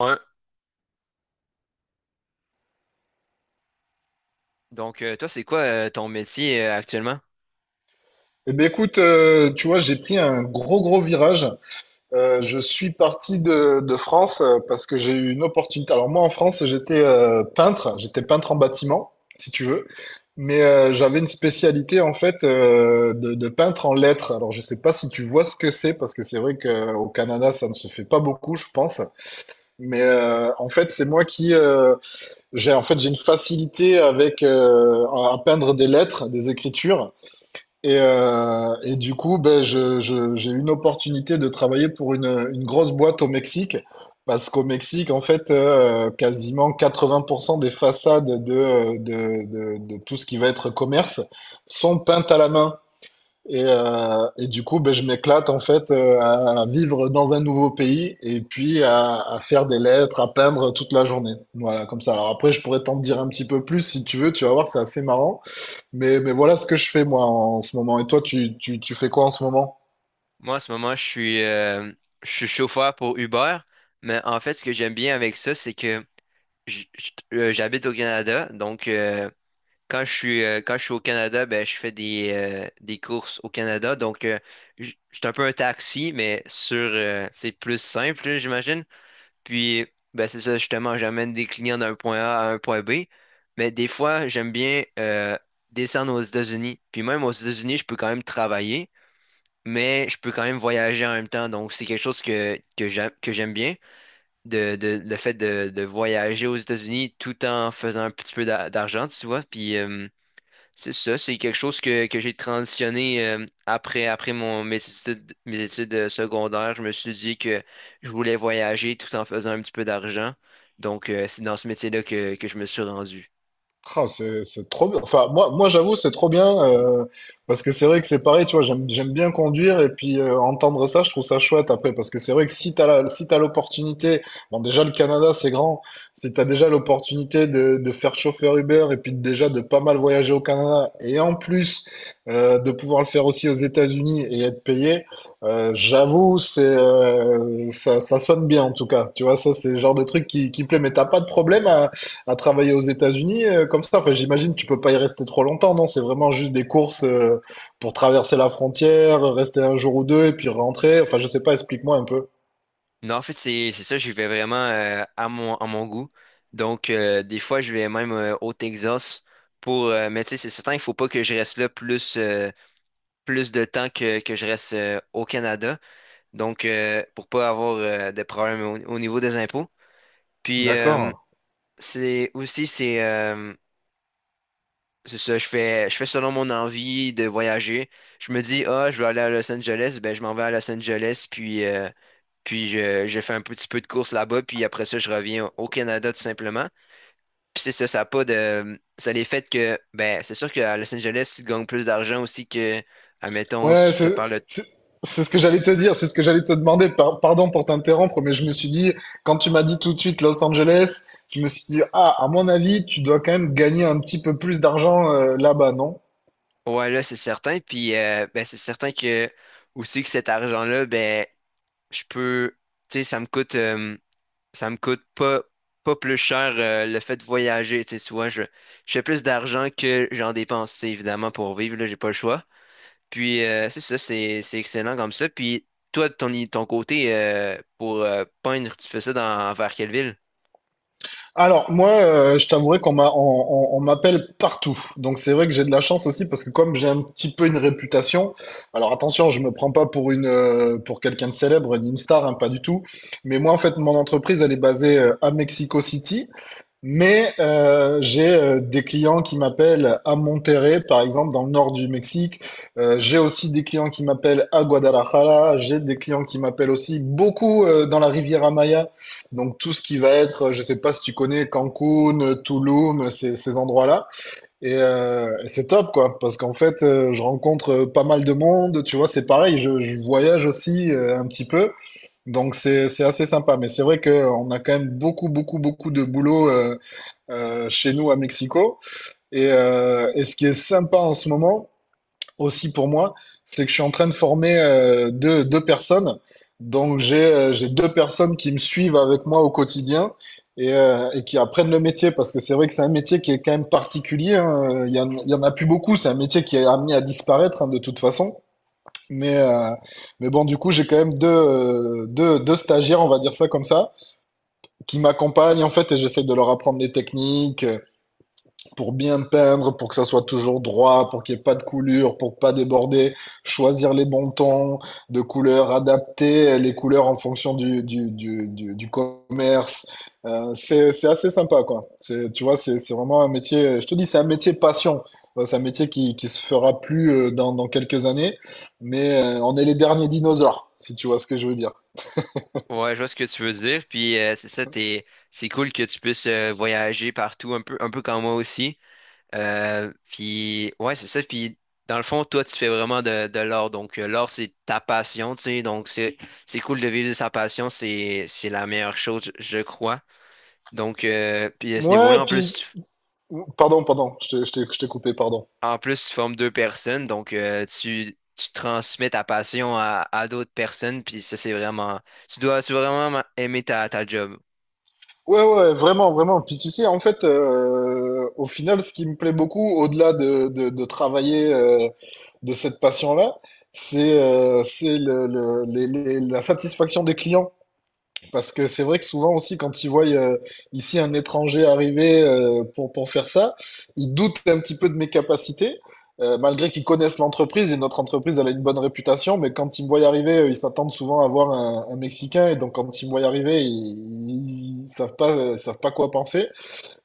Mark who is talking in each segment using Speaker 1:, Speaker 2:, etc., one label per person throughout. Speaker 1: Ouais. Donc, toi, c'est quoi ton métier actuellement?
Speaker 2: Eh ben écoute, tu vois, j'ai pris un gros gros virage. Je suis parti de France parce que j'ai eu une opportunité. Alors moi en France, j'étais peintre, j'étais peintre en bâtiment, si tu veux, mais j'avais une spécialité en fait de peintre en lettres. Alors je sais pas si tu vois ce que c'est parce que c'est vrai qu'au Canada ça ne se fait pas beaucoup, je pense. Mais en fait, c'est moi qui j'ai en fait j'ai une facilité avec à peindre des lettres, des écritures. Et du coup, ben, j'ai eu une opportunité de travailler pour une grosse boîte au Mexique, parce qu'au Mexique, en fait, quasiment 80% des façades de tout ce qui va être commerce sont peintes à la main. Et du coup, ben, je m'éclate en fait à vivre dans un nouveau pays et puis à faire des lettres, à peindre toute la journée. Voilà, comme ça. Alors après, je pourrais t'en dire un petit peu plus si tu veux, tu vas voir, c'est assez marrant. Mais voilà ce que je fais moi en ce moment. Et toi, tu fais quoi en ce moment?
Speaker 1: Moi, en ce moment, je suis chauffeur pour Uber, mais en fait, ce que j'aime bien avec ça, c'est que j'habite au Canada. Quand je suis au Canada, ben, je fais des courses au Canada. Je suis un peu un taxi, mais c'est plus simple, là, j'imagine. Puis, ben, c'est ça, justement, j'amène des clients d'un point A à un point B. Mais des fois, j'aime bien descendre aux États-Unis. Puis même aux États-Unis, je peux quand même travailler, mais je peux quand même voyager en même temps. Donc, c'est quelque chose que j'aime bien, le fait de voyager aux États-Unis tout en faisant un petit peu d'argent, tu vois. C'est ça, c'est quelque chose que j'ai transitionné après, mes études, mes études secondaires. Je me suis dit que je voulais voyager tout en faisant un petit peu d'argent. Donc, c'est dans ce métier-là que je me suis rendu.
Speaker 2: Ah, c'est trop bien. Enfin, moi j'avoue, c'est trop bien. Parce que c'est vrai que c'est pareil, tu vois, j'aime bien conduire et puis entendre ça, je trouve ça chouette après. Parce que c'est vrai que si si t'as l'opportunité, bon, déjà le Canada, c'est grand. Si t'as déjà l'opportunité de faire chauffeur Uber et puis déjà de pas mal voyager au Canada et en plus de pouvoir le faire aussi aux États-Unis et être payé, j'avoue, ça sonne bien en tout cas. Tu vois, ça, c'est le genre de truc qui plaît. Mais t'as pas de problème à travailler aux États-Unis comme ça. Enfin, j'imagine tu peux pas y rester trop longtemps, non? C'est vraiment juste des courses pour traverser la frontière, rester un jour ou deux et puis rentrer. Enfin, je sais pas, explique-moi un peu.
Speaker 1: Non, en fait, c'est ça, j'y vais vraiment à mon goût. Donc, des fois, je vais même au Texas pour... mais tu sais, c'est certain, il faut pas que je reste là plus, plus de temps que je reste au Canada. Donc, pour pas avoir de problème au niveau des impôts. Puis, euh,
Speaker 2: D'accord.
Speaker 1: C'est aussi c'est ça, je fais selon mon envie de voyager. Je me dis ah, je veux aller à Los Angeles, ben je m'en vais à Los Angeles puis je fais un petit peu de course là-bas puis après ça je reviens au Canada tout simplement. Puis c'est ça, ça a pas de ça a les fait que ben c'est sûr qu'à Los Angeles si tu gagnes plus d'argent aussi que admettons
Speaker 2: Ouais,
Speaker 1: si je te parle de
Speaker 2: c'est- c'est ce que j'allais te dire, c'est ce que j'allais te demander. Pardon pour t'interrompre, mais je me suis dit, quand tu m'as dit tout de suite Los Angeles, je me suis dit, ah, à mon avis, tu dois quand même gagner un petit peu plus d'argent là-bas, non?
Speaker 1: ouais là c'est certain puis ben c'est certain que aussi que cet argent-là ben je peux tu sais ça me coûte pas, pas plus cher le fait de voyager. Tu sais, souvent, je fais plus d'argent que j'en dépense, tu sais, évidemment, pour vivre, là, j'ai pas le choix. C'est ça, c'est excellent comme ça. Puis, toi, de ton côté, pour peindre, tu fais ça dans, vers quelle ville?
Speaker 2: Alors, moi, je t'avouerai qu' on m'appelle partout. Donc, c'est vrai que j'ai de la chance aussi parce que comme j'ai un petit peu une réputation, alors attention, je me prends pas pour pour quelqu'un de célèbre, ni une star, hein, pas du tout. Mais moi, en fait, mon entreprise, elle est basée à Mexico City. Mais j'ai des clients qui m'appellent à Monterrey, par exemple, dans le nord du Mexique. J'ai aussi des clients qui m'appellent à Guadalajara. J'ai des clients qui m'appellent aussi beaucoup dans la Riviera Maya. Donc tout ce qui va être, je sais pas si tu connais Cancun, Tulum, ces endroits-là. Et c'est top, quoi, parce qu'en fait, je rencontre pas mal de monde. Tu vois, c'est pareil, je voyage aussi un petit peu. Donc c'est assez sympa, mais c'est vrai qu'on a quand même beaucoup beaucoup beaucoup de boulot chez nous à Mexico. Et ce qui est sympa en ce moment, aussi pour moi, c'est que je suis en train de former deux personnes. Donc j'ai deux personnes qui me suivent avec moi au quotidien et qui apprennent le métier parce que c'est vrai que c'est un métier qui est quand même particulier, hein. Il y en a plus beaucoup. C'est un métier qui est amené à disparaître, hein, de toute façon. Mais, euh, mais bon, du coup, j'ai quand même deux stagiaires, on va dire ça comme ça, qui m'accompagnent en fait et j'essaie de leur apprendre les techniques, pour bien peindre, pour que ça soit toujours droit, pour qu'il n'y ait pas de coulure, pour pas déborder, choisir les bons tons de couleurs, adapter les couleurs en fonction du commerce. C'est assez sympa, quoi. C'est, tu vois, C'est vraiment un métier, je te dis, c'est un métier passion. C'est un métier qui se fera plus dans quelques années, mais on est les derniers dinosaures, si tu vois ce que je veux dire.
Speaker 1: Ouais, je vois ce que tu veux dire. Puis c'est ça, t'es... c'est cool que tu puisses voyager partout, un peu comme moi aussi. Ouais, c'est ça. Puis, dans le fond, toi, tu fais vraiment de l'art. Donc, l'art, c'est ta passion, tu sais. Donc, c'est cool de vivre de sa passion. C'est la meilleure chose, je crois. Donc, puis à ce
Speaker 2: Ouais,
Speaker 1: niveau-là,
Speaker 2: puis, je t'ai coupé, pardon.
Speaker 1: en plus, tu formes deux personnes. Donc, tu transmets ta passion à d'autres personnes. Puis, ça, c'est vraiment. Tu dois vraiment aimer ta job.
Speaker 2: Ouais, ouais, vraiment. Puis tu sais, en fait, au final, ce qui me plaît beaucoup, au-delà de travailler de cette passion-là, c'est la satisfaction des clients. Parce que c'est vrai que souvent aussi, quand ils voient ici un étranger arriver pour faire ça, ils doutent un petit peu de mes capacités, malgré qu'ils connaissent l'entreprise et notre entreprise, elle a une bonne réputation, mais quand ils me voient arriver, ils s'attendent souvent à voir un Mexicain, et donc quand ils me voient arriver, ils savent pas quoi penser.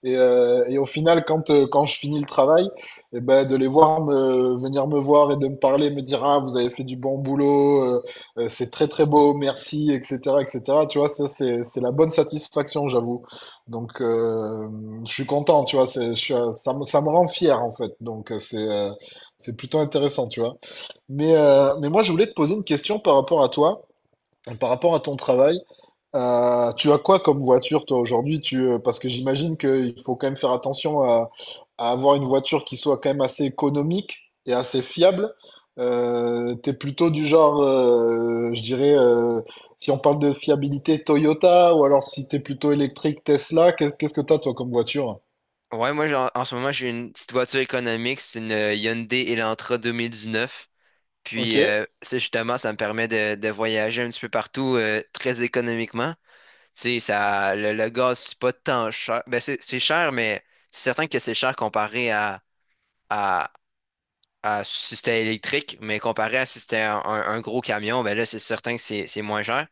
Speaker 2: Et au final, quand je finis le travail, eh ben, de les voir venir me voir et de me parler, me dire, ah, vous avez fait du bon boulot, c'est très très beau, merci, etc., etc. Tu vois, ça, c'est la bonne satisfaction, j'avoue. Donc, je suis content, tu vois, c'est, je suis, ça me rend fier, en fait. Donc, c'est plutôt intéressant, tu vois. Mais moi, je voulais te poser une question par rapport à toi. Par rapport à ton travail, tu as quoi comme voiture toi aujourd'hui? Parce que j'imagine qu'il faut quand même faire attention à avoir une voiture qui soit quand même assez économique et assez fiable. T'es plutôt du genre, je dirais, si on parle de fiabilité Toyota ou alors si t'es plutôt électrique Tesla, qu'est-ce que t'as toi comme voiture?
Speaker 1: Ouais, moi, en ce moment, j'ai une petite voiture économique. C'est une Hyundai Elantra 2019.
Speaker 2: Ok.
Speaker 1: Puis ça, justement, ça me permet de voyager un petit peu partout très économiquement. Tu sais, ça, le gaz, c'est pas tant cher. Ben, c'est cher, mais c'est certain que c'est cher comparé à, à si c'était électrique, mais comparé à si c'était un gros camion, ben là, c'est certain que c'est moins cher.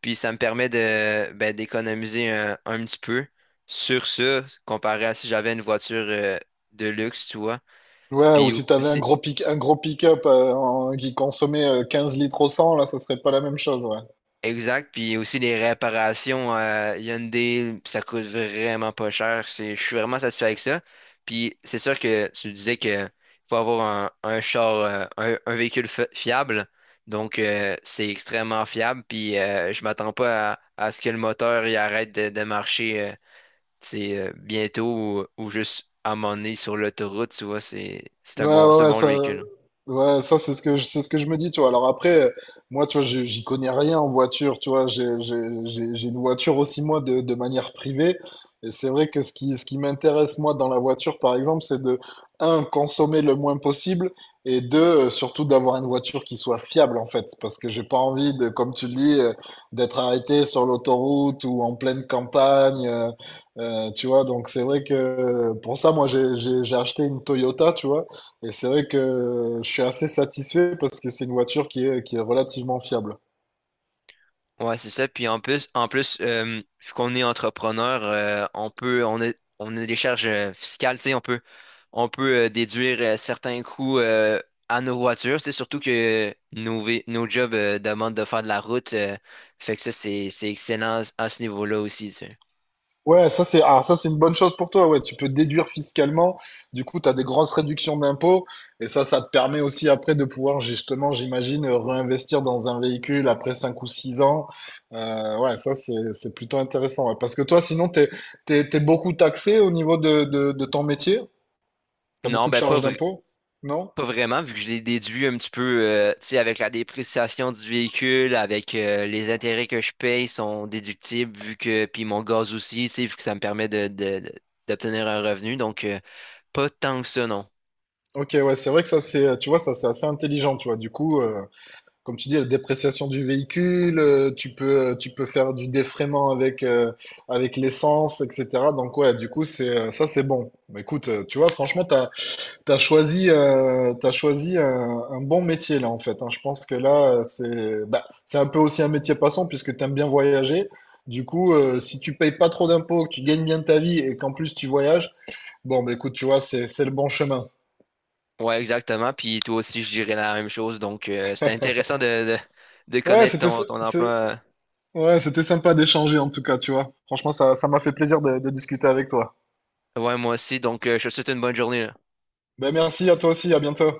Speaker 1: Puis ça me permet de ben, d'économiser un petit peu sur ça, comparé à si j'avais une voiture de luxe, tu vois.
Speaker 2: Ouais, ou
Speaker 1: Puis
Speaker 2: si t'avais
Speaker 1: aussi,
Speaker 2: un gros pick-up qui consommait 15 litres au 100, là, ça serait pas la même chose. Ouais.
Speaker 1: Exact, puis aussi les réparations Hyundai, ça coûte vraiment pas cher. C'est- Je suis vraiment satisfait avec ça. Puis c'est sûr que tu disais que faut avoir un char, un véhicule fiable. Donc, c'est extrêmement fiable. Puis je m'attends pas à, à ce que le moteur il arrête de marcher tu sais, bientôt ou juste à un moment donné sur l'autoroute, tu vois,
Speaker 2: Ouais, ouais,
Speaker 1: c'est un
Speaker 2: ouais,
Speaker 1: bon
Speaker 2: ça,
Speaker 1: véhicule.
Speaker 2: ouais, ça c'est c'est ce que je me dis, tu vois. Alors après, moi, tu vois, j'y connais rien en voiture, tu vois. J'ai une voiture aussi, moi, de manière privée. Et c'est vrai que ce ce qui m'intéresse, moi, dans la voiture, par exemple, c'est de, un, consommer le moins possible, et deux, surtout d'avoir une voiture qui soit fiable, en fait. Parce que j'ai pas envie de, comme tu le dis, d'être arrêté sur l'autoroute ou en pleine campagne. Tu vois, donc c'est vrai que pour ça, moi, j'ai acheté une Toyota, tu vois. Et c'est vrai que je suis assez satisfait parce que c'est une voiture qui est relativement fiable.
Speaker 1: Ouais, c'est ça. Puis en plus, en plus, vu qu'on est entrepreneur, on a des charges fiscales, tu sais, on peut déduire certains coûts à nos voitures. C'est surtout que nos jobs demandent de faire de la route. Fait que ça, c'est excellent à ce niveau-là aussi, tu sais.
Speaker 2: Ouais, ça c'est une bonne chose pour toi. Ouais, tu peux déduire fiscalement. Du coup, tu as des grosses réductions d'impôts et ça te permet aussi après de pouvoir justement, j'imagine, réinvestir dans un véhicule après 5 ou 6 ans. Ouais, ça C'est plutôt intéressant. Ouais. Parce que toi sinon t'es beaucoup taxé au niveau de ton métier. T'as
Speaker 1: Non,
Speaker 2: beaucoup de
Speaker 1: ben pas
Speaker 2: charges d'impôts, non?
Speaker 1: pas vraiment, vu que je l'ai déduit un petit peu, tu sais, avec la dépréciation du véhicule, avec les intérêts que je paye sont déductibles, vu que, puis mon gaz aussi, tu sais, vu que ça me permet d'obtenir un revenu. Donc, pas tant que ça, non.
Speaker 2: Ok, ouais, c'est vrai que ça c'est assez intelligent, tu vois. Du coup, comme tu dis, la dépréciation du véhicule, tu peux faire du défraiement avec, avec l'essence, etc. Donc ouais, du coup, ça c'est bon. Mais écoute, tu vois, franchement, t'as choisi, un bon métier là en fait, hein. Je pense que là, bah, c'est un peu aussi un métier passant puisque t'aimes bien voyager. Du coup, si tu payes pas trop d'impôts, que tu gagnes bien ta vie et qu'en plus tu voyages, bon, bah écoute, tu vois, c'est le bon chemin.
Speaker 1: Ouais, exactement. Puis toi aussi, je dirais la même chose. Donc, c'était intéressant de
Speaker 2: Ouais,
Speaker 1: connaître
Speaker 2: c'était, ça-
Speaker 1: ton emploi.
Speaker 2: c'est- Ouais, c'était sympa d'échanger en tout cas, tu vois. Franchement, ça m'a fait plaisir de discuter avec toi.
Speaker 1: Ouais, moi aussi. Donc, je te souhaite une bonne journée, là.
Speaker 2: Ben merci à toi aussi, à bientôt.